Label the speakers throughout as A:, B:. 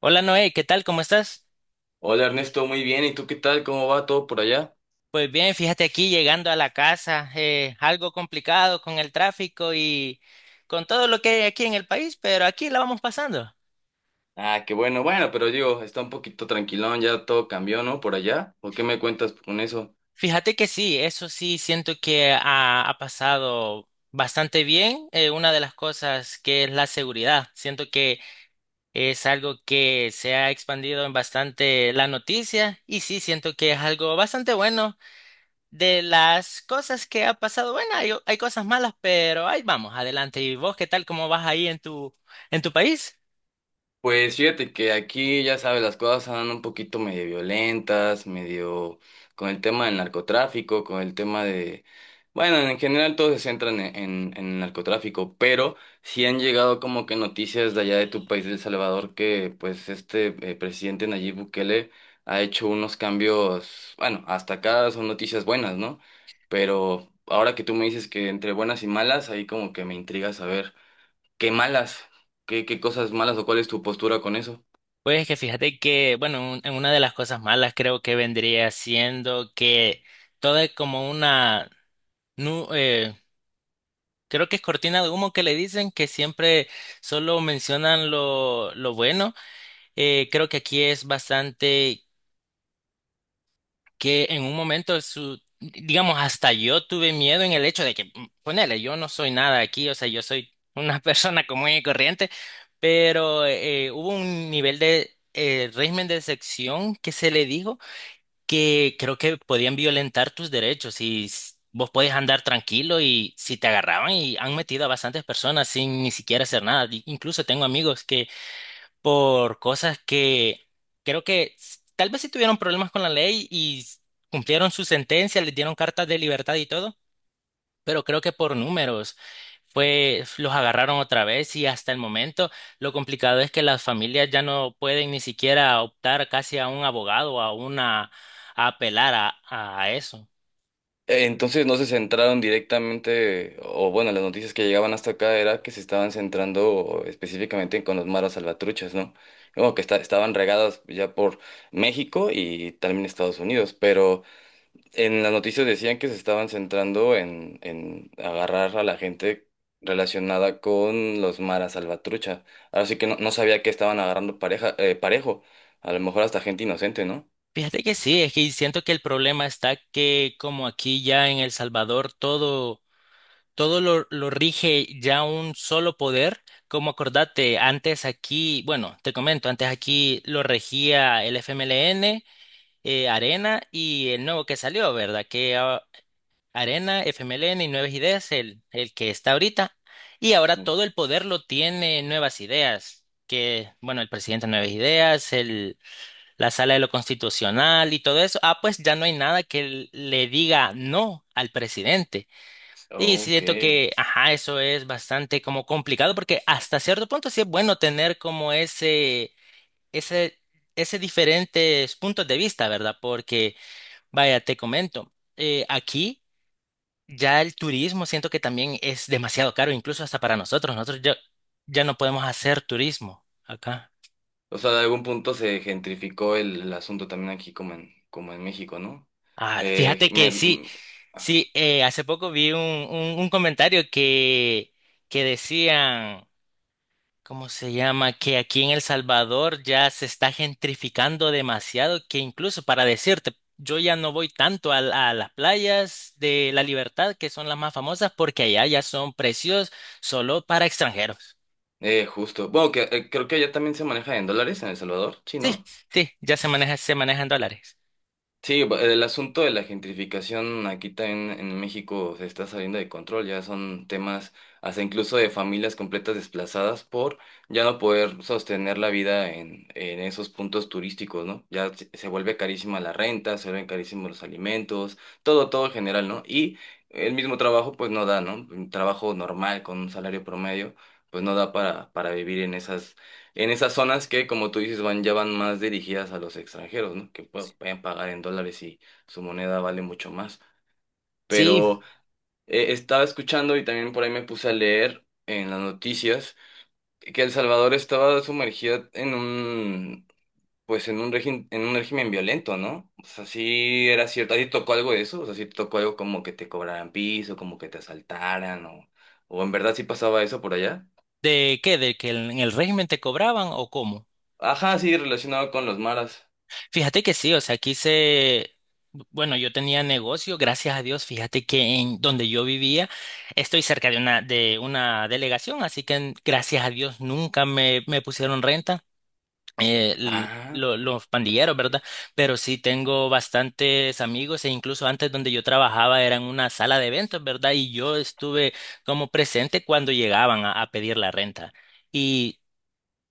A: Hola Noé, ¿qué tal? ¿Cómo estás?
B: Hola Ernesto, muy bien. ¿Y tú qué tal? ¿Cómo va todo por allá?
A: Pues bien, fíjate aquí llegando a la casa, algo complicado con el tráfico y con todo lo que hay aquí en el país, pero aquí la vamos pasando.
B: Ah, qué bueno, bueno, pero digo, está un poquito tranquilón, ya todo cambió, ¿no? Por allá. ¿O qué me cuentas con eso?
A: Fíjate que sí, eso sí, siento que ha pasado bastante bien. Una de las cosas que es la seguridad, siento que es algo que se ha expandido en bastante la noticia y sí, siento que es algo bastante bueno. De las cosas que ha pasado, bueno, hay cosas malas, pero ahí vamos, adelante. ¿Y vos qué tal? ¿Cómo vas ahí en tu país?
B: Pues fíjate que aquí, ya sabes, las cosas andan un poquito medio violentas, medio con el tema del narcotráfico, con el tema de... Bueno, en general todos se centran en el narcotráfico, pero sí han llegado como que noticias de allá de tu país, de El Salvador, que pues este presidente Nayib Bukele ha hecho unos cambios, bueno, hasta acá son noticias buenas, ¿no? Pero ahora que tú me dices que entre buenas y malas, ahí como que me intriga saber qué malas, qué cosas malas o cuál es tu postura con eso.
A: Pues que fíjate que, bueno, en una de las cosas malas creo que vendría siendo que todo es como nu- eh, creo que es cortina de humo que le dicen que siempre solo mencionan lo bueno. Creo que aquí es bastante que en un momento digamos, hasta yo tuve miedo en el hecho de que, ponele, yo no soy nada aquí, o sea, yo soy una persona común y corriente, pero hubo un nivel de régimen de sección que se le dijo que creo que podían violentar tus derechos y vos podés andar tranquilo y si te agarraban y han metido a bastantes personas sin ni siquiera hacer nada. Incluso tengo amigos que por cosas que creo que tal vez sí tuvieron problemas con la ley y cumplieron su sentencia, les dieron cartas de libertad y todo, pero creo que por números fue, los agarraron otra vez y hasta el momento lo complicado es que las familias ya no pueden ni siquiera optar casi a un abogado, a a apelar a eso.
B: Entonces no se centraron directamente, o bueno, las noticias que llegaban hasta acá era que se estaban centrando específicamente con los maras salvatruchas, ¿no? Como que estaban regadas ya por México y también Estados Unidos, pero en las noticias decían que se estaban centrando en agarrar a la gente relacionada con los maras salvatrucha. Ahora sí que no sabía que estaban agarrando pareja, parejo, a lo mejor hasta gente inocente, ¿no?
A: Fíjate que sí, es que siento que el problema está que como aquí ya en El Salvador todo lo rige ya un solo poder. Como acordate, antes aquí, bueno, te comento, antes aquí lo regía el FMLN, Arena y el nuevo que salió, ¿verdad? Arena, FMLN y Nuevas Ideas, el que está ahorita. Y ahora todo el poder lo tiene Nuevas Ideas. Que, bueno, el presidente de Nuevas Ideas, el, la sala de lo constitucional y todo eso, pues ya no hay nada que le diga no al presidente. Y
B: Ok.
A: siento que, ajá, eso es bastante como complicado porque hasta cierto punto sí es bueno tener como ese, ese diferentes puntos de vista, ¿verdad? Porque, vaya, te comento, aquí ya el turismo siento que también es demasiado caro, incluso hasta para nosotros. Ya no podemos hacer turismo acá.
B: O sea, de algún punto se gentrificó el asunto también aquí como en, como en México, ¿no?
A: Ah,
B: Eh,
A: fíjate
B: me-
A: que sí,
B: m- ajá.
A: sí, hace poco vi un comentario que decían. ¿Cómo se llama? Que aquí en El Salvador ya se está gentrificando demasiado, que incluso para decirte, yo ya no voy tanto a, las playas de La Libertad, que son las más famosas, porque allá ya son precios solo para extranjeros.
B: Justo. Bueno, que, creo que allá también se maneja en dólares en El Salvador, sí,
A: Sí,
B: ¿no?
A: sí, ya se maneja, se manejan dólares.
B: Sí, el asunto de la gentrificación aquí también en México se está saliendo de control, ya son temas hasta incluso de familias completas desplazadas por ya no poder sostener la vida en esos puntos turísticos, ¿no? Ya se vuelve carísima la renta, se vuelven carísimos los alimentos, todo en general, ¿no? Y el mismo trabajo pues no da, ¿no? Un trabajo normal con un salario promedio pues no da para vivir en esas zonas que, como tú dices, ya van más dirigidas a los extranjeros, ¿no? Que pueden pagar en dólares y su moneda vale mucho más.
A: Sí,
B: Pero estaba escuchando y también por ahí me puse a leer en las noticias que El Salvador estaba sumergida pues en un régimen violento, ¿no? O sea, sí era cierto. ¿A ti te tocó algo de eso? O sea, sí te tocó algo como que te cobraran piso, como que te asaltaran o en verdad sí pasaba eso por allá.
A: ¿de qué? ¿De que en el régimen te cobraban o cómo?
B: Ajá, sí, relacionado con los maras.
A: Fíjate que sí, o sea, bueno, yo tenía negocio, gracias a Dios, fíjate que en donde yo vivía estoy cerca de de una delegación, así que gracias a Dios nunca me pusieron renta,
B: Ah.
A: los pandilleros,
B: Ok.
A: ¿verdad? Pero sí tengo bastantes amigos e incluso antes donde yo trabajaba era en una sala de eventos, ¿verdad? Y yo estuve como presente cuando llegaban a pedir la renta. Y,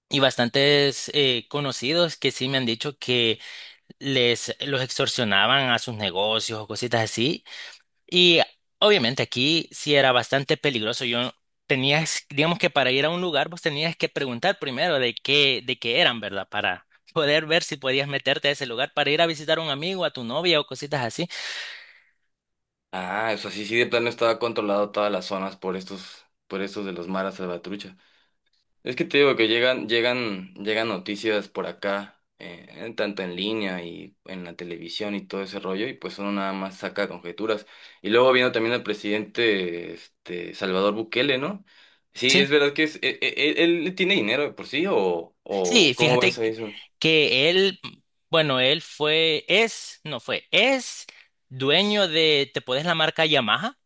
A: y bastantes conocidos que sí me han dicho que les los extorsionaban a sus negocios o cositas así. Y obviamente aquí sí era bastante peligroso. Yo tenías, digamos que para ir a un lugar vos tenías que preguntar primero de qué eran, ¿verdad? Para poder ver si podías meterte a ese lugar para ir a visitar a un amigo, a tu novia o cositas así.
B: Ah, eso sí, sí, de plano estaba controlado todas las zonas por por estos de los maras salvatrucha. Es que te digo que llegan noticias por acá, tanto en línea y en la televisión y todo ese rollo, y pues uno nada más saca conjeturas. Y luego viendo también al presidente, este, Salvador Bukele, ¿no? Sí, es
A: Sí,
B: verdad que es, e- e- e- él tiene dinero de por sí,
A: sí,
B: o ¿cómo
A: fíjate
B: ves a
A: que
B: eso?
A: que él, bueno, él fue, es, no fue, es dueño de, ¿te podés la marca Yamaha?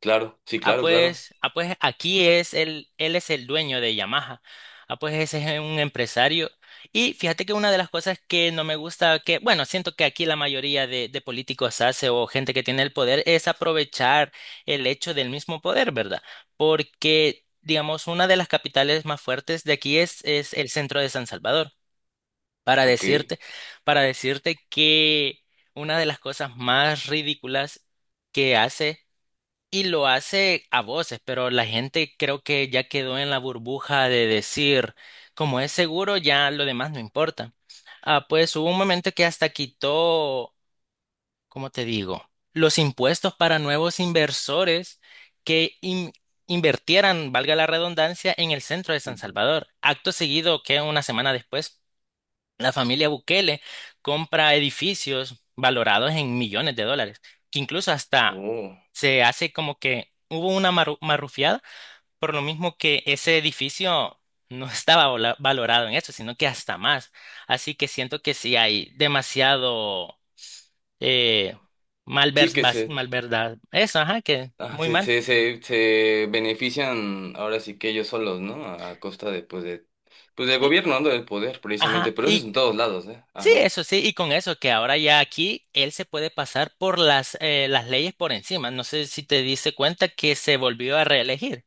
B: Claro, sí, claro, claro.
A: Ah, pues aquí él es el dueño de Yamaha. Ah, pues ese es un empresario. Y fíjate que una de las cosas que no me gusta, que, bueno, siento que aquí la mayoría de políticos hace o gente que tiene el poder es aprovechar el hecho del mismo poder, ¿verdad? Porque, digamos, una de las capitales más fuertes de aquí es el centro de San Salvador. Para
B: Ok.
A: decirte, para decirte que una de las cosas más ridículas que hace y lo hace a voces, pero la gente creo que ya quedó en la burbuja de decir, como es seguro, ya lo demás no importa. Ah, pues hubo un momento que hasta quitó, ¿cómo te digo? Los impuestos para nuevos inversores que invertieran, valga la redundancia, en el centro de San
B: Ujú.
A: Salvador. Acto seguido, que una semana después la familia Bukele compra edificios valorados en millones de dólares, que incluso hasta
B: Oh.
A: se hace como que hubo una marrufiada, por lo mismo que ese edificio no estaba valorado en eso, sino que hasta más. Así que siento que sí hay demasiado eh,
B: Sí, que se,
A: malverdad. Eso, ajá, que
B: ah,
A: muy mal.
B: se benefician ahora sí que ellos solos, ¿no? A costa de, pues del
A: Sí,
B: gobierno, ¿no? Del poder,
A: ajá.
B: precisamente. Pero eso es
A: Y
B: en todos lados, ¿eh?
A: sí,
B: Ajá.
A: eso sí, y con eso que ahora ya aquí él se puede pasar por las leyes por encima. No sé si te diste cuenta que se volvió a reelegir.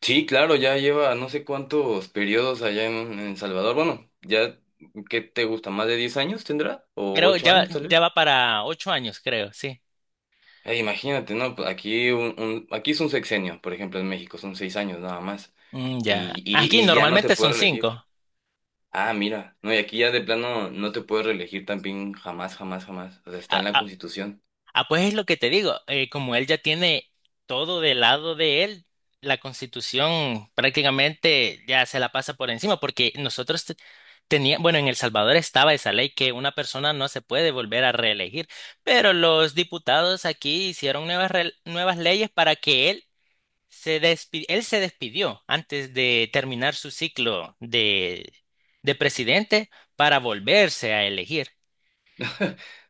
B: Sí, claro, ya lleva no sé cuántos periodos allá en Salvador. Bueno, ya, ¿qué te gusta? ¿Más de 10 años tendrá? ¿O
A: Creo
B: 8 años tal vez?
A: ya va para 8 años, creo, sí.
B: Imagínate, ¿no? Pues aquí, aquí es un sexenio, por ejemplo, en México son 6 años nada más.
A: Mm, ya. Aquí
B: Y ya no te
A: normalmente son
B: puedes reelegir.
A: 5.
B: Ah, mira, no, y aquí ya de plano no te puedes reelegir también jamás, jamás, jamás. O sea, está en la Constitución.
A: Ah, pues es lo que te digo, como él ya tiene todo del lado de él, la Constitución prácticamente ya se la pasa por encima, porque nosotros teníamos, bueno, en El Salvador estaba esa ley que una persona no se puede volver a reelegir, pero los diputados aquí hicieron nuevas leyes para que él se despidió antes de terminar su ciclo de presidente para volverse a elegir.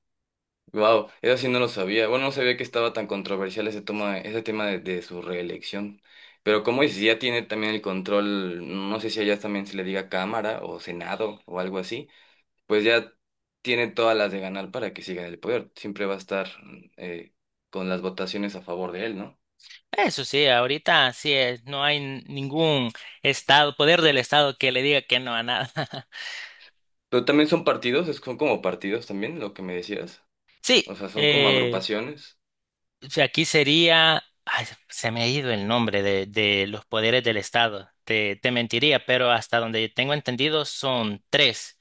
B: Wow, eso sí no lo sabía. Bueno, no sabía que estaba tan controversial ese tema de su reelección. Pero como dices, ya tiene también el control, no sé si allá también se le diga Cámara o Senado o algo así, pues ya tiene todas las de ganar para que siga en el poder. Siempre va a estar eh, con las votaciones a favor de él, ¿no?
A: Eso sí, ahorita sí, es, no hay ningún estado, poder del estado que le diga que no a nada.
B: Pero también son partidos, son como partidos también, lo que me decías.
A: Sí,
B: O sea, son como agrupaciones.
A: o sea, aquí sería, ay, se me ha ido el nombre de los poderes del estado, te mentiría, pero hasta donde tengo entendido son tres.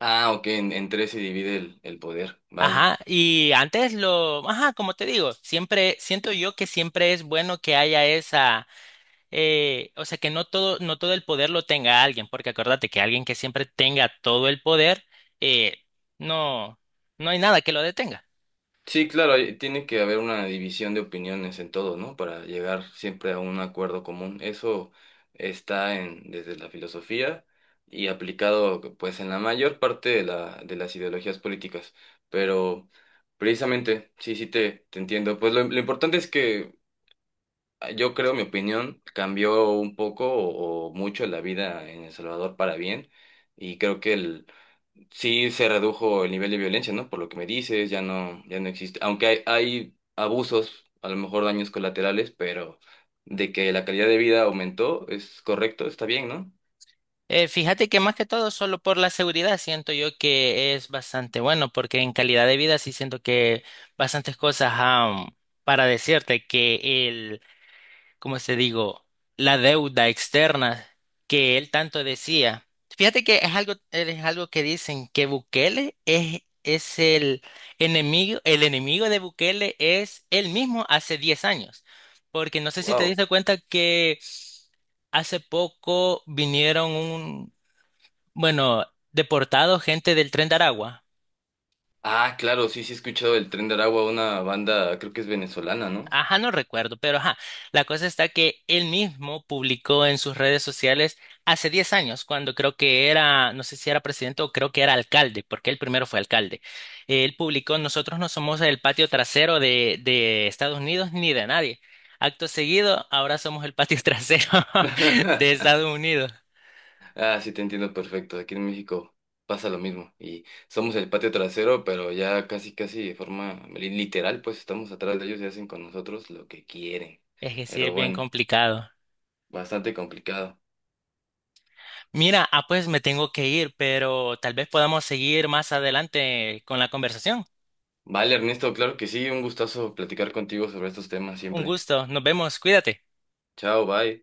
B: Ah, ok, en tres se divide el poder, vale.
A: Ajá, y antes lo, ajá, como te digo, siempre siento yo que siempre es bueno que haya esa o sea, que no todo el poder lo tenga alguien, porque acuérdate que alguien que siempre tenga todo el poder, eh, no, no hay nada que lo detenga.
B: Sí, claro, tiene que haber una división de opiniones en todo, ¿no? Para llegar siempre a un acuerdo común. Eso está en, desde la filosofía y aplicado pues en la mayor parte de la, de las ideologías políticas. Pero precisamente, sí, te entiendo. Pues lo importante es que yo creo, mi opinión, cambió un poco o mucho la vida en El Salvador para bien. Y creo que sí se redujo el nivel de violencia, ¿no? Por lo que me dices, ya no existe. Aunque hay abusos, a lo mejor daños colaterales, pero de que la calidad de vida aumentó, es correcto, está bien, ¿no?
A: Fíjate que más que todo, solo por la seguridad, siento yo que es bastante bueno, porque en calidad de vida sí siento que bastantes cosas, para decirte que como te digo, la deuda externa que él tanto decía. Fíjate que es algo que dicen que Bukele es el enemigo de Bukele es él mismo hace 10 años. Porque no sé si te
B: Wow.
A: diste cuenta que hace poco vinieron bueno, deportados gente del Tren de Aragua.
B: Ah, claro, sí, sí he escuchado el Tren de Aragua, una banda, creo que es venezolana, ¿no?
A: Ajá, no recuerdo, pero ajá, la cosa está que él mismo publicó en sus redes sociales hace 10 años, cuando creo que era, no sé si era presidente o creo que era alcalde, porque él primero fue alcalde. Él publicó, nosotros no somos el patio trasero de Estados Unidos ni de nadie. Acto seguido, ahora somos el patio trasero de Estados Unidos.
B: Ah, sí te entiendo perfecto. Aquí en México pasa lo mismo. Y somos el patio trasero, pero ya casi, casi de forma literal, pues estamos atrás de ellos y hacen con nosotros lo que quieren.
A: Es que sí, es
B: Pero
A: bien
B: bueno.
A: complicado.
B: Bastante complicado.
A: Mira, pues me tengo que ir, pero tal vez podamos seguir más adelante con la conversación.
B: Vale, Ernesto, claro que sí, un gustazo platicar contigo sobre estos temas
A: Un
B: siempre.
A: gusto, nos vemos, cuídate.
B: Chao, bye.